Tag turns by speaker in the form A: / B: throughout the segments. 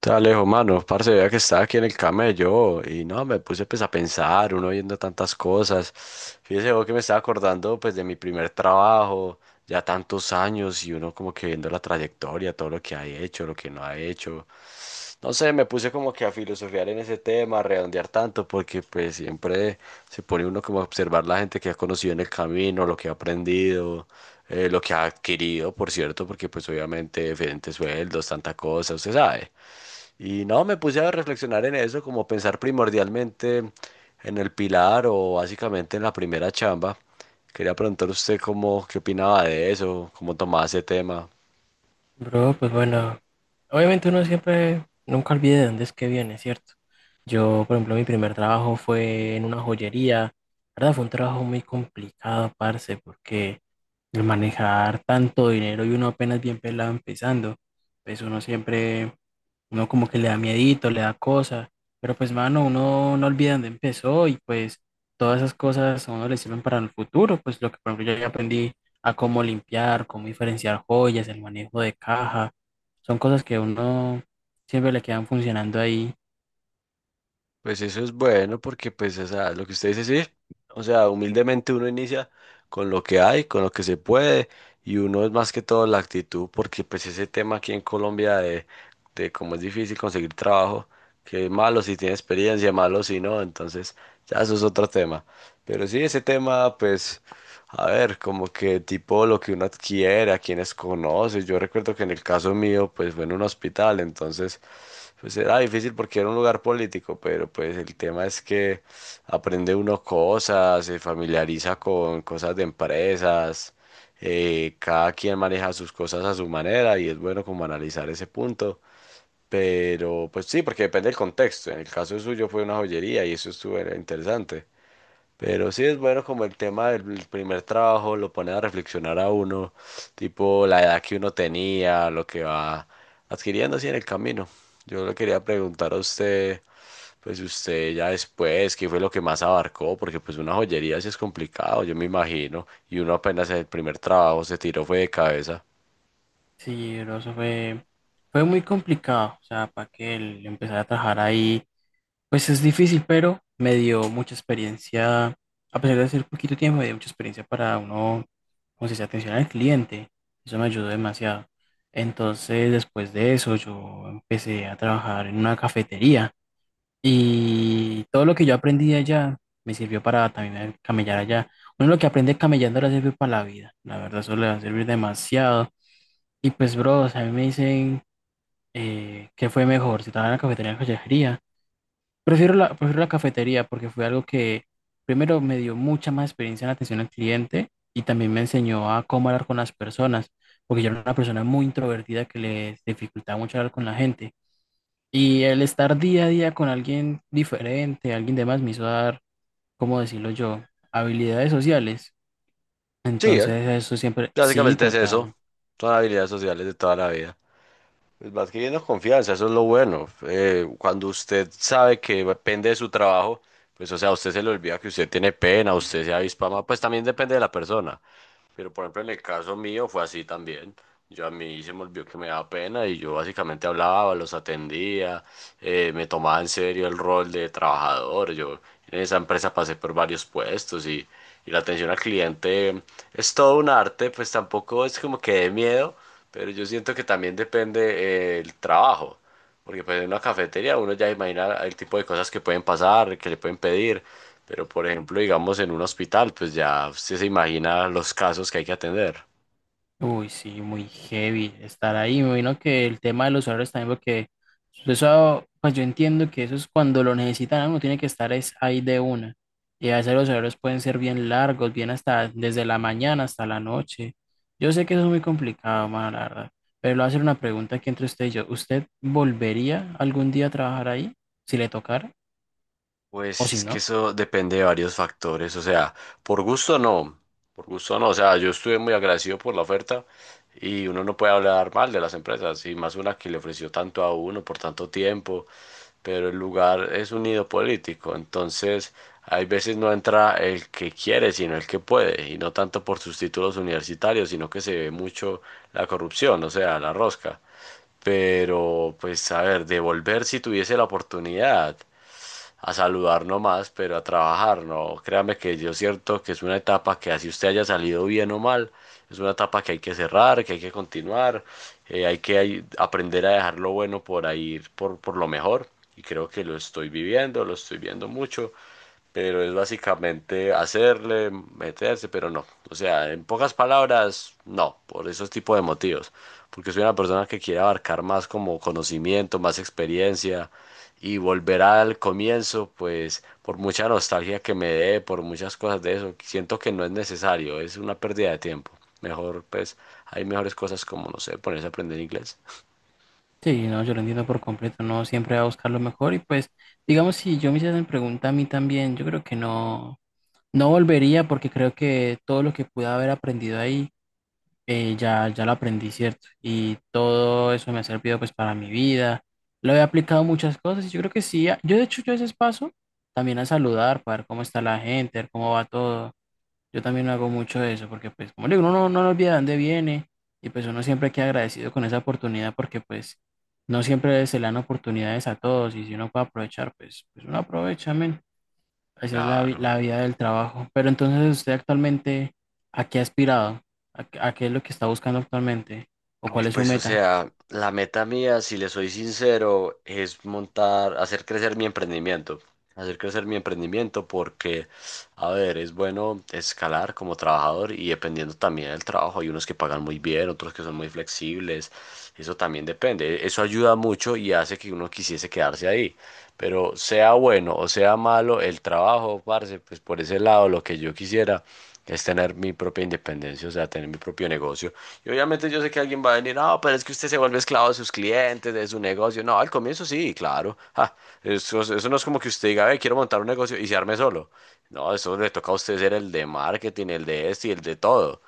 A: Te Alejo, mano, parce, vea que estaba aquí en el camello y no, me puse pues a pensar, uno viendo tantas cosas. Fíjese vos que me estaba acordando pues de mi primer trabajo, ya tantos años y uno como que viendo la trayectoria, todo lo que ha hecho, lo que no ha hecho. No sé, me puse como que a filosofiar en ese tema, a redondear tanto, porque pues siempre se pone uno como a observar la gente que ha conocido en el camino, lo que ha aprendido, lo que ha adquirido, por cierto, porque pues obviamente diferentes sueldos, tanta cosa, usted sabe. Y no, me puse a reflexionar en eso, como pensar primordialmente en el pilar o básicamente en la primera chamba. Quería preguntar usted cómo, qué opinaba de eso, cómo tomaba ese tema.
B: Bro, pues bueno, obviamente uno siempre, nunca olvide de dónde es que viene, ¿cierto? Yo, por ejemplo, mi primer trabajo fue en una joyería, ¿verdad? Fue un trabajo muy complicado, parce, porque el manejar tanto dinero y uno apenas bien pelado empezando, pues uno siempre, uno como que le da miedito, le da cosa, pero pues mano, uno no olvida dónde empezó y pues todas esas cosas a uno le sirven para el futuro, pues lo que por ejemplo yo ya aprendí a cómo limpiar, cómo diferenciar joyas, el manejo de caja, son cosas que a uno siempre le quedan funcionando ahí.
A: Pues eso es bueno porque, pues, o sea, lo que usted dice, sí, o sea, humildemente uno inicia con lo que hay, con lo que se puede, y uno es más que todo la actitud, porque pues ese tema aquí en Colombia de cómo es difícil conseguir trabajo, que es malo si tiene experiencia, malo si no, entonces ya eso es otro tema. Pero sí, ese tema, pues, a ver, como que tipo lo que uno adquiere, a quienes conoce. Yo recuerdo que en el caso mío, pues fue en un hospital, entonces, pues era difícil porque era un lugar político, pero pues el tema es que aprende uno cosas, se familiariza con cosas de empresas, cada quien maneja sus cosas a su manera y es bueno como analizar ese punto. Pero pues sí, porque depende del contexto. En el caso suyo fue una joyería y eso estuvo era interesante. Pero sí es bueno como el tema del primer trabajo lo pone a reflexionar a uno, tipo la edad que uno tenía, lo que va adquiriendo así en el camino. Yo le quería preguntar a usted, pues usted ya después, ¿qué fue lo que más abarcó? Porque pues una joyería sí es complicado, yo me imagino, y uno apenas en el primer trabajo se tiró fue de cabeza.
B: Sí, bro, fue muy complicado, o sea, para que él empezara a trabajar ahí. Pues es difícil, pero me dio mucha experiencia, a pesar de ser poquito tiempo, me dio mucha experiencia para uno, como se dice, atención al cliente. Eso me ayudó demasiado. Entonces, después de eso, yo empecé a trabajar en una cafetería y todo lo que yo aprendí allá me sirvió para también camellar allá. Uno lo que aprende camellando le sirve para la vida. La verdad, eso le va a servir demasiado. Y pues, bro, o sea, a mí me dicen qué fue mejor, si trabajar en la cafetería o en la joyería. Prefiero la cafetería porque fue algo que primero me dio mucha más experiencia en atención al cliente y también me enseñó a cómo hablar con las personas, porque yo era una persona muy introvertida que les dificultaba mucho hablar con la gente. Y el estar día a día con alguien diferente, alguien demás, me hizo dar, ¿cómo decirlo yo? Habilidades sociales.
A: Sí, ¿eh?
B: Entonces, eso siempre, sí,
A: Básicamente es
B: total.
A: eso, son habilidades sociales de toda la vida. Pues vas adquiriendo confianza, eso es lo bueno. Cuando usted sabe que depende de su trabajo, pues o sea, a usted se le olvida que usted tiene pena, usted sea avispama, pues también depende de la persona. Pero por ejemplo, en el caso mío fue así también. Yo a mí se me olvidó que me daba pena y yo básicamente hablaba, los atendía, me tomaba en serio el rol de trabajador. Yo en esa empresa pasé por varios puestos y la atención al cliente es todo un arte, pues tampoco es como que de miedo, pero yo siento que también depende el trabajo. Porque pues en una cafetería uno ya imagina el tipo de cosas que pueden pasar, que le pueden pedir. Pero por ejemplo, digamos en un hospital, pues ya usted se imagina los casos que hay que atender.
B: Uy, sí, muy heavy estar ahí. Me imagino que el tema de los horarios también, porque eso, pues yo entiendo que eso es cuando lo necesitan, ¿no? Uno tiene que estar es ahí de una. Y a veces los horarios pueden ser bien largos, bien hasta desde la mañana hasta la noche. Yo sé que eso es muy complicado, mano, la verdad. Pero le voy a hacer una pregunta aquí entre usted y yo. ¿Usted volvería algún día a trabajar ahí, si le tocara o
A: Pues
B: si
A: es que
B: no?
A: eso depende de varios factores, o sea, por gusto no, por gusto no, o sea, yo estuve muy agradecido por la oferta y uno no puede hablar mal de las empresas y más una que le ofreció tanto a uno por tanto tiempo, pero el lugar es un nido político, entonces hay veces no entra el que quiere, sino el que puede, y no tanto por sus títulos universitarios, sino que se ve mucho la corrupción, o sea, la rosca. Pero, pues, a ver, devolver si tuviese la oportunidad, a saludar nomás, pero a trabajar, no. Créame que yo cierto que es una etapa que así usted haya salido bien o mal, es una etapa que hay que cerrar, que hay que continuar, hay que ahí aprender a dejar lo bueno por ahí, por lo mejor. Y creo que lo estoy viviendo, lo estoy viendo mucho pero es básicamente hacerle, meterse, pero no. O sea, en pocas palabras, no, por esos tipos de motivos. Porque soy una persona que quiere abarcar más como conocimiento, más experiencia y volver al comienzo, pues por mucha nostalgia que me dé, por muchas cosas de eso, siento que no es necesario, es una pérdida de tiempo. Mejor, pues, hay mejores cosas como, no sé, ponerse a aprender inglés.
B: Sí, no, yo lo entiendo por completo. No siempre va a buscar lo mejor y pues. Digamos, si yo me hiciesen pregunta a mí también, yo creo que no, no volvería porque creo que todo lo que pude haber aprendido ahí ya lo aprendí, ¿cierto? Y todo eso me ha servido pues para mi vida. Lo he aplicado a muchas cosas y yo creo que sí. Yo de hecho yo a veces paso también a saludar para ver cómo está la gente, ver cómo va todo. Yo también hago mucho de eso porque pues como le digo, uno no, no olvida de dónde viene y pues uno siempre queda agradecido con esa oportunidad porque pues no siempre se le dan oportunidades a todos y si uno puede aprovechar pues, pues uno aprovecha, amén. Esa es
A: Claro.
B: la vida del trabajo. Pero entonces, ¿usted actualmente a qué ha aspirado? A qué es lo que está buscando actualmente? ¿O cuál
A: Uf,
B: es su
A: pues o
B: meta?
A: sea, la meta mía, si le soy sincero, es montar, hacer crecer mi emprendimiento. Hacer crecer mi emprendimiento porque, a ver, es bueno escalar como trabajador y dependiendo también del trabajo. Hay unos que pagan muy bien, otros que son muy flexibles. Eso también depende. Eso ayuda mucho y hace que uno quisiese quedarse ahí. Pero sea bueno o sea malo el trabajo, parce, pues por ese lado lo que yo quisiera es tener mi propia independencia, o sea, tener mi propio negocio. Y obviamente yo sé que alguien va a venir, no, pero es que usted se vuelve esclavo de sus clientes, de su negocio. No, al comienzo sí, claro. Ja, eso no es como que usted diga, "Ve, quiero montar un negocio y se arme solo". No, eso le toca a usted ser el de marketing, el de este y el de todo.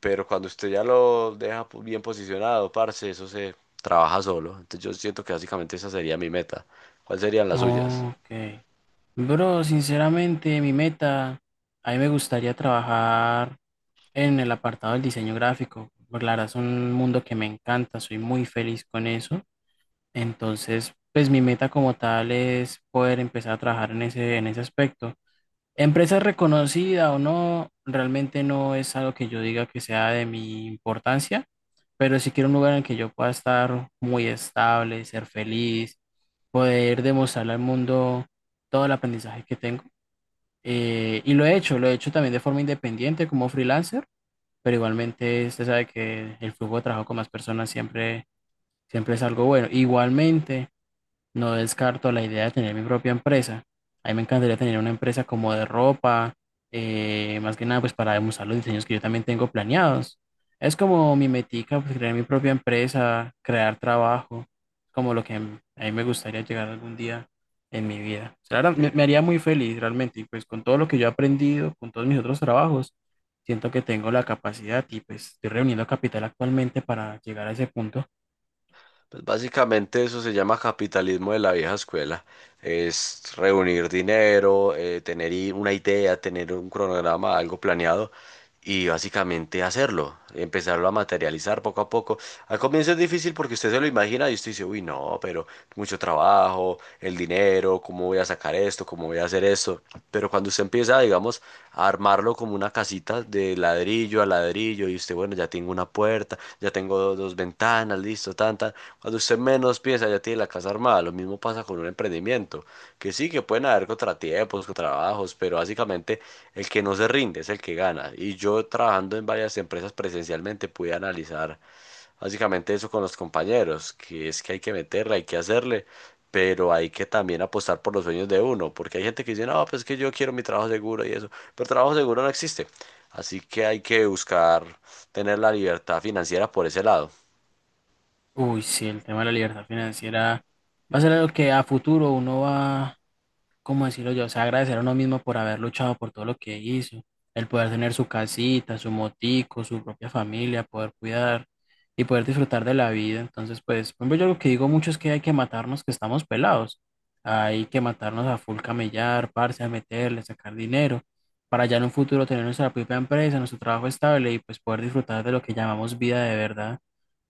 A: Pero cuando usted ya lo deja bien posicionado, parce, eso se trabaja solo. Entonces yo siento que básicamente esa sería mi meta. ¿Cuáles serían las suyas?
B: Ok. Bro, sinceramente, mi meta, a mí me gustaría trabajar en el apartado del diseño gráfico. Por la verdad es un mundo que me encanta, soy muy feliz con eso. Entonces, pues mi meta como tal es poder empezar a trabajar en ese aspecto. Empresa reconocida o no, realmente no es algo que yo diga que sea de mi importancia, pero sí quiero un lugar en el que yo pueda estar muy estable, ser feliz, poder demostrarle al mundo todo el aprendizaje que tengo. Y lo he hecho también de forma independiente como freelancer, pero igualmente usted sabe que el flujo de trabajo con más personas siempre es algo bueno. Igualmente. No descarto la idea de tener mi propia empresa. A mí me encantaría tener una empresa como de ropa, más que nada pues para demostrar los diseños que yo también tengo planeados. Es como mi metica, pues crear mi propia empresa, crear trabajo, como lo que a mí me gustaría llegar algún día en mi vida. O sea, la verdad,
A: Sí.
B: me haría muy feliz realmente y pues con todo lo que yo he aprendido, con todos mis otros trabajos, siento que tengo la capacidad y pues estoy reuniendo capital actualmente para llegar a ese punto.
A: Pues básicamente eso se llama capitalismo de la vieja escuela. Es reunir dinero, tener una idea, tener un cronograma, algo planeado y básicamente hacerlo, empezarlo a materializar poco a poco. Al comienzo es difícil porque usted se lo imagina y usted dice, uy, no, pero mucho trabajo, el dinero pero cómo voy a sacar esto, cómo voy a hacer esto. Pero cuando usted empieza, digamos, a armarlo como una casita de ladrillo a ladrillo y usted, bueno, ya tengo una puerta, ya tengo dos, ventanas, listo, tanta. Cuando usted menos piensa, ya tiene la casa armada. Lo mismo pasa con un emprendimiento, que sí, que pueden haber contratiempos, contrabajos, pero básicamente el que no se rinde es el que gana. Y yo trabajando en varias empresas presencialmente pude analizar básicamente eso con los compañeros, que es que hay que meterla, hay que hacerle, pero hay que también apostar por los sueños de uno, porque hay gente que dice, no, pues es que yo quiero mi trabajo seguro y eso, pero trabajo seguro no existe, así que hay que buscar tener la libertad financiera por ese lado.
B: Uy, sí, el tema de la libertad financiera va a ser algo que a futuro uno va, ¿cómo decirlo yo? O sea, agradecer a uno mismo por haber luchado por todo lo que hizo, el poder tener su casita, su motico, su propia familia, poder cuidar y poder disfrutar de la vida. Entonces, pues, por ejemplo, yo lo que digo mucho es que hay que matarnos que estamos pelados. Hay que matarnos a full camellar, parce, a meterle, sacar dinero, para ya en un futuro tener nuestra propia empresa, nuestro trabajo estable y pues poder disfrutar de lo que llamamos vida de verdad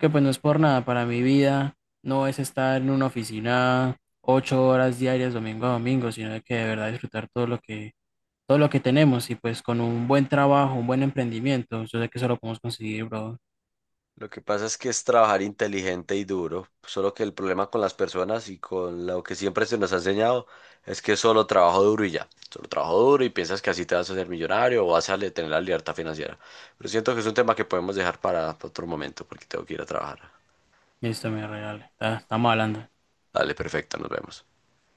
B: que pues no es por nada para mi vida, no es estar en una oficina 8 horas diarias domingo a domingo, sino de que de verdad disfrutar todo lo que tenemos y pues con un buen trabajo, un buen emprendimiento, yo sé que eso lo podemos conseguir, bro.
A: Lo que pasa es que es trabajar inteligente y duro, solo que el problema con las personas y con lo que siempre se nos ha enseñado es que solo trabajo duro y ya, solo trabajo duro y piensas que así te vas a hacer millonario o vas a tener la libertad financiera. Pero siento que es un tema que podemos dejar para otro momento porque tengo que ir a trabajar.
B: Listo, mi real, estamos hablando.
A: Dale, perfecto, nos vemos.